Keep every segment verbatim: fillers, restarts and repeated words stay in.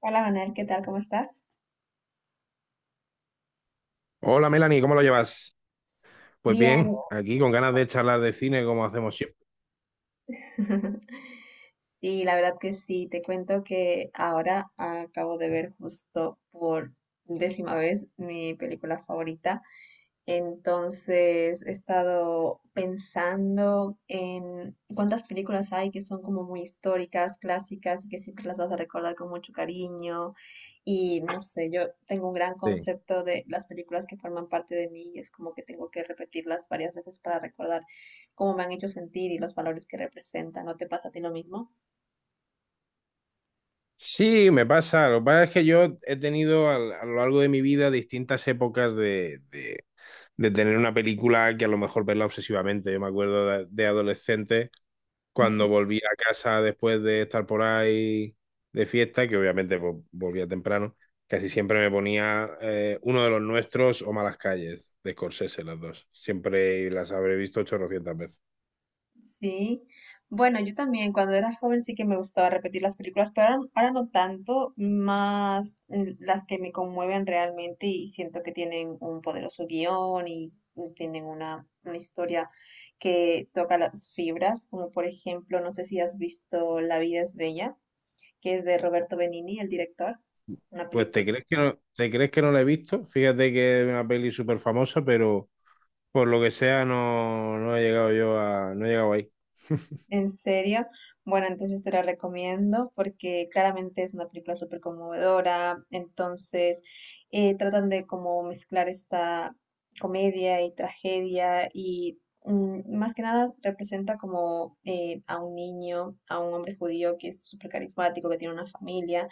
Hola Manuel, ¿qué tal? ¿Cómo estás? Hola Melanie, ¿cómo lo llevas? Pues Bien. bien, aquí con ganas de charlar de cine como hacemos siempre. Sí, la verdad que sí. Te cuento que ahora acabo de ver justo por décima vez mi película favorita. Entonces he estado pensando en cuántas películas hay que son como muy históricas, clásicas, y que siempre las vas a recordar con mucho cariño. Y no sé, yo tengo un gran Sí, concepto de las películas que forman parte de mí y es como que tengo que repetirlas varias veces para recordar cómo me han hecho sentir y los valores que representan. ¿No te pasa a ti lo mismo? sí, me pasa. Lo que pasa es que yo he tenido al- a, lo largo de mi vida distintas épocas de, de- de tener una película que a lo mejor verla obsesivamente. Yo me acuerdo de, de adolescente, cuando volví a casa después de estar por ahí de fiesta, que obviamente pues, volvía temprano, casi siempre me ponía eh, uno de los nuestros o Malas Calles, de Scorsese, las dos. Siempre las habré visto ochocientas veces. Sí, bueno, yo también cuando era joven sí que me gustaba repetir las películas, pero ahora, ahora no tanto, más mm, las que me conmueven realmente y siento que tienen un poderoso guión y y tienen una, una historia que toca las fibras, como por ejemplo, no sé si has visto La vida es bella, que es de Roberto Benigni, el director, una Pues te película. crees que no, te crees que no la he visto. Fíjate que es una peli súper famosa, pero por lo que sea no, no he llegado yo a, no he llegado ahí. ¿En serio? Bueno, entonces te la recomiendo porque claramente es una película súper conmovedora. Entonces eh, tratan de como mezclar esta comedia y tragedia y, mm, más que nada representa como eh, a un niño, a un hombre judío que es súper carismático, que tiene una familia.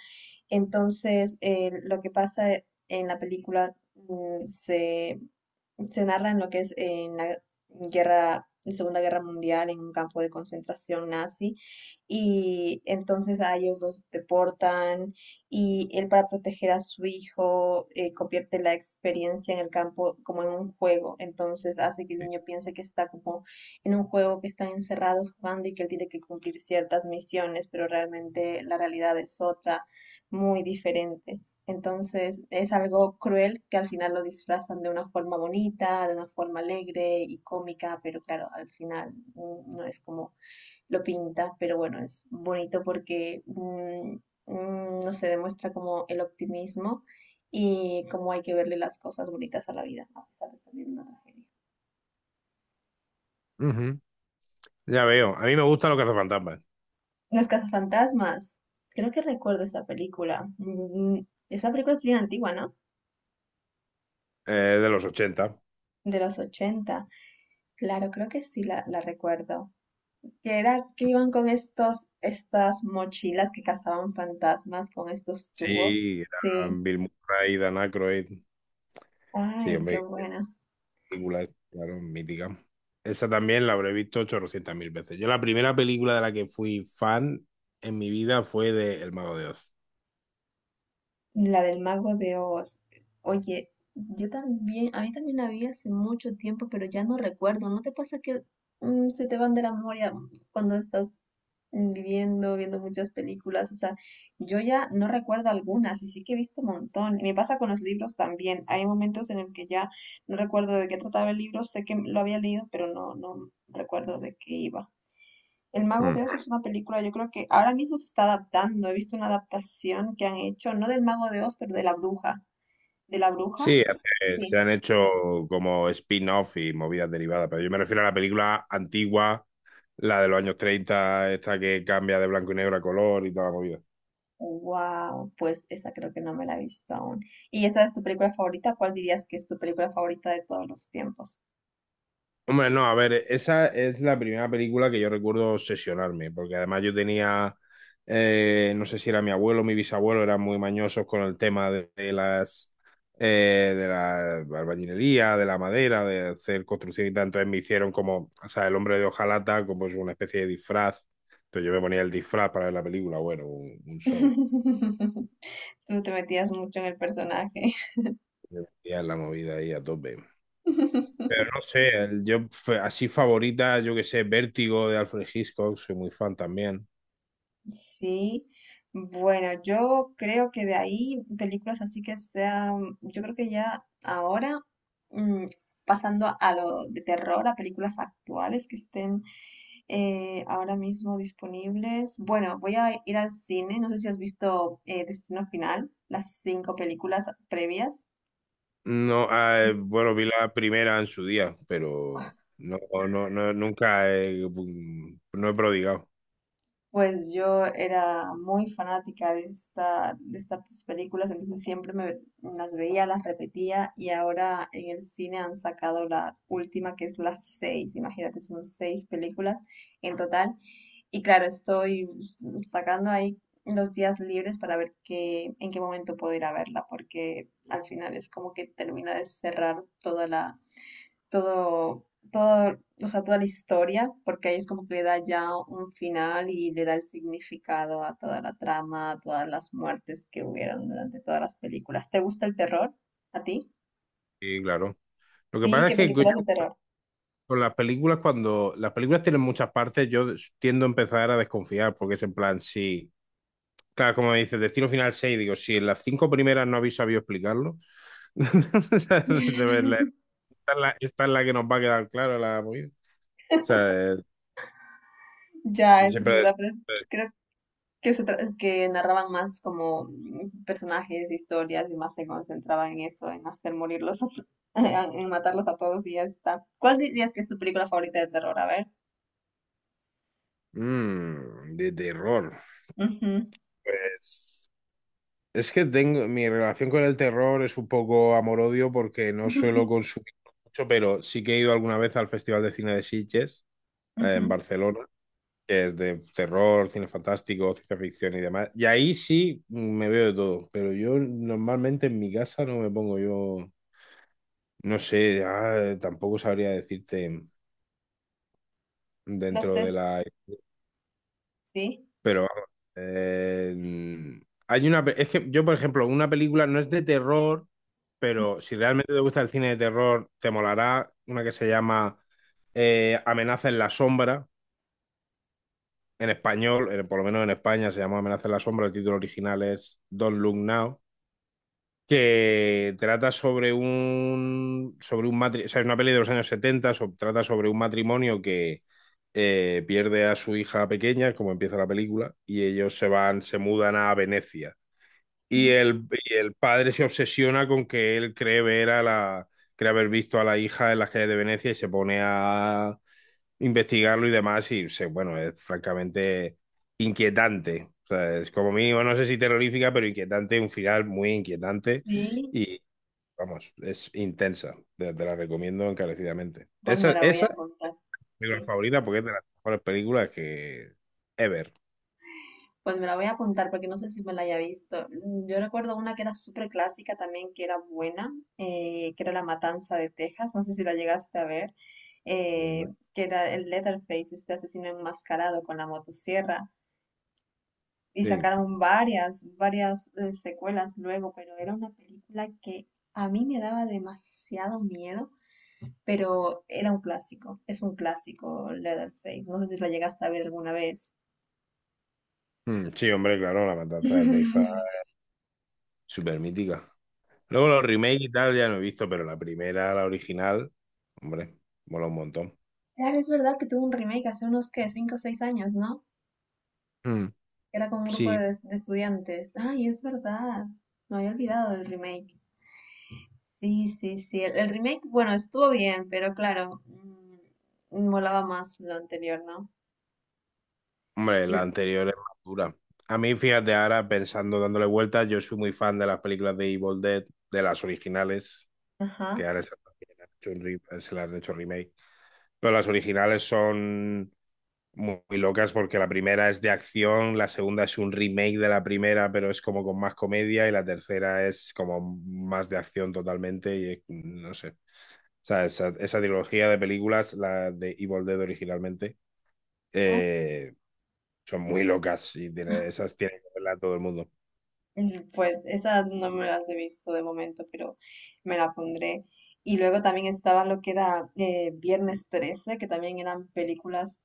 Entonces, eh, lo que pasa en la película, mm, se se narra en lo que es en la guerra, en Segunda Guerra Mundial, en un campo de concentración nazi, y entonces a ellos los deportan, y él, para proteger a su hijo, eh, convierte la experiencia en el campo como en un juego. Entonces hace que el niño piense que está como en un juego, que están encerrados jugando y que él tiene que cumplir ciertas misiones, pero realmente la realidad es otra, muy diferente. Entonces es algo cruel que al final lo disfrazan de una forma bonita, de una forma alegre y cómica, pero claro, al final, mm, no es como lo pinta, pero bueno, es bonito porque mm, mm, no se demuestra como el optimismo y cómo hay que verle las cosas bonitas a la vida, ¿no?, a pesar de estar viendo una tragedia. Ujú. Ya veo. A mí me gusta lo que hace Fantasmas. Las cazafantasmas, creo que recuerdo esa película. Mm, mm, Esa película es bien antigua, ¿no? Eh, de los ochenta. De los ochenta. Claro, creo que sí la, la recuerdo. Que era que iban con estos, estas mochilas que cazaban fantasmas con estos tubos. Sí, Sí, eran Bill Murray, Dan Aykroyd. Sí, ay, qué hombre, buena. película, claro, mítica. Esa también la habré visto 800.000 mil veces. Yo la primera película de la que fui fan en mi vida fue de El Mago de Oz. La del Mago de Oz. Oye, yo también, a mí también la vi hace mucho tiempo, pero ya no recuerdo. ¿No te pasa que, mm, se te van de la memoria cuando estás, mm, viviendo, viendo muchas películas? O sea, yo ya no recuerdo algunas y sí que he visto un montón. Y me pasa con los libros también. Hay momentos en el que ya no recuerdo de qué trataba el libro, sé que lo había leído, pero no, no recuerdo de qué iba. El Mago de Oz es una película, yo creo que ahora mismo se está adaptando. He visto una adaptación que han hecho, no del Mago de Oz, pero de la bruja. ¿De la bruja? Sí, eh, Sí. se han hecho como spin-off y movidas derivadas, pero yo me refiero a la película antigua, la de los años treinta, esta que cambia de blanco y negro a color y toda la movida. Wow, pues esa creo que no me la he visto aún. ¿Y esa es tu película favorita? ¿Cuál dirías que es tu película favorita de todos los tiempos? Hombre, no, a ver, esa es la primera película que yo recuerdo obsesionarme, porque además yo tenía, eh, no sé si era mi abuelo o mi bisabuelo, eran muy mañosos con el tema de, de las, eh, de la albañilería, de la madera, de hacer construcción y tal. Entonces me hicieron como, o sea, el hombre de hojalata, como es una especie de disfraz. Entonces yo me ponía el disfraz para ver la película, bueno, un, un show, Tú te metías mucho en el personaje. y en la movida ahí a tope. Pero no sé, el- yo f- así favorita, yo que sé, Vértigo de Alfred Hitchcock, soy muy fan también. Sí. Bueno, yo creo que de ahí películas así que sean, yo creo que ya ahora, mm, pasando a lo de terror, a películas actuales que estén eh, ahora mismo disponibles. Bueno, voy a ir al cine. No sé si has visto, eh, Destino Final, las cinco películas previas. No, ah, eh, bueno, vi la primera en su día, pero no, no, no, nunca he, mm, no he prodigado. Pues yo era muy fanática de esta, de estas películas, entonces siempre me las veía, las repetía, y ahora en el cine han sacado la última, que es las seis. Imagínate, son seis películas en total. Y claro, estoy sacando ahí los días libres para ver qué, en qué momento puedo ir a verla, porque al final es como que termina de cerrar toda la, todo, todo, o sea, toda la historia, porque ahí es como que le da ya un final y le da el significado a toda la trama, a todas las muertes que hubieron durante todas las películas. ¿Te gusta el terror? ¿A ti? Sí, claro. Lo que Sí, pasa es ¿qué que yo películas de terror? con las películas, cuando las películas tienen muchas partes, yo tiendo a empezar a desconfiar, porque es en plan, sí, claro, como dices, Destino Final seis digo, si en las cinco primeras no habéis sabido explicarlo, o sea, de verdad, esta es la, esta es la que nos va a quedar clara la movida. O sea, eh, Ya, eso es siempre... verdad, pero es- eh, creo que, se tra- que narraban más como, mm, personajes, historias, y más se concentraban en eso, en hacer morirlos, a to- en matarlos a todos y ya está. ¿Cuál dirías que es tu película favorita de terror? A ver. mm, de terror. Ujú. Pues. Es que tengo, mi relación con el terror es un poco amor-odio porque no suelo consumir mucho, pero sí que he ido alguna vez al Festival de Cine de Sitges, eh, en Ujú. Barcelona, que es de terror, cine fantástico, ciencia ficción y demás. Y ahí sí me veo de todo, pero yo normalmente en mi casa no me pongo yo, no sé, ah, tampoco sabría decirte Los dentro de es, la. sí. Pero vamos, eh, hay una, pe- es que yo, por ejemplo, una película no es de terror, pero si realmente te gusta el cine de terror, te molará una que se llama eh, Amenaza en la sombra, en español, eh, por lo menos en España se llama Amenaza en la sombra, el título original es Don't Look Now, que trata sobre un, sobre un matrimonio, o sea, es una peli de los años setenta. So- trata sobre un matrimonio que eh, pierde a su hija pequeña, como empieza la película, y ellos se van, se mudan a Venecia. Y Ujú. el, y el padre se obsesiona con que él cree ver a la, cree haber visto a la hija en las calles de Venecia y se pone a investigarlo y demás. Y se- bueno, es francamente inquietante. O sea, es como mínimo, no sé si terrorífica, pero inquietante, un final muy inquietante. Sí, Y vamos, es intensa. Te, te la recomiendo encarecidamente. pues me Esa, la voy Esa a es apuntar. mi película Sí, favorita porque es de las mejores películas que ever. pues me la voy a apuntar porque no sé si me la haya visto. Mm, Yo recuerdo una que era súper clásica también, que era buena, eh, que era La Matanza de Texas. No sé si la llegaste a ver. Sí, eh, hombre. que era el Leatherface, este asesino enmascarado con la motosierra. Y Sí, sacaron varias, varias eh, secuelas luego, pero era una película que a mí me daba demasiado miedo, pero era un clásico, es un clásico Leatherface. No sé si la llegaste a ver alguna vez. mm, sí, hombre, claro, La Matanza de Texas, súper mítica. Luego los remakes y tal ya no he visto, pero la primera, la original, hombre, mola un montón. Claro, es verdad que tuvo un remake hace unos, ¿qué?, cinco o seis años, ¿no? Mm, Era como un grupo sí. de, de estudiantes. Ay, es verdad. Me había olvidado del remake. Sí, sí, sí. El, el remake, bueno, estuvo bien, pero claro, mm, molaba más lo anterior, ¿no? Hombre, la Y- anterior es más dura. A mí, fíjate, ahora pensando, dándole vueltas, yo soy muy fan de las películas de Evil Dead, de las originales, que Ajá. ahora se, se las han hecho remake. Pero las originales son muy, muy locas porque la primera es de acción, la segunda es un remake de la primera, pero es como con más comedia y la tercera es como más de acción totalmente y eh, no sé. O sea, esa, esa trilogía de películas, la de Evil Dead originalmente, eh, son muy locas y tiene, esas tiene que verla todo el mundo. Mm, pues esas no me las he visto de momento, pero me la pondré. Y luego también estaba lo que era, eh, Viernes trece, que también eran películas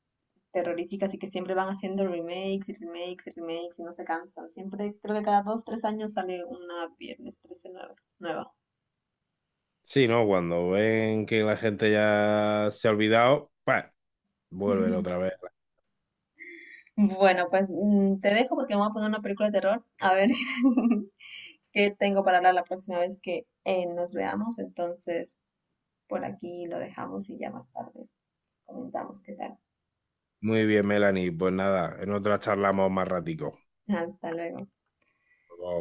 terroríficas y que siempre van haciendo remakes y remakes y remakes y no se cansan. Siempre, creo que cada dos, tres años sale una Viernes trece nueva. Nueva. Sí, ¿no? Cuando ven que la gente ya se ha olvidado, pues vuelven otra vez. Bueno, pues mm, te dejo porque me voy a poner una película de terror. A ver qué tengo para hablar la próxima vez que, eh, nos veamos. Entonces, por aquí lo dejamos y ya más tarde comentamos qué tal. Muy bien, Melanie. Pues nada, en otra charlamos más ratico. Hasta luego.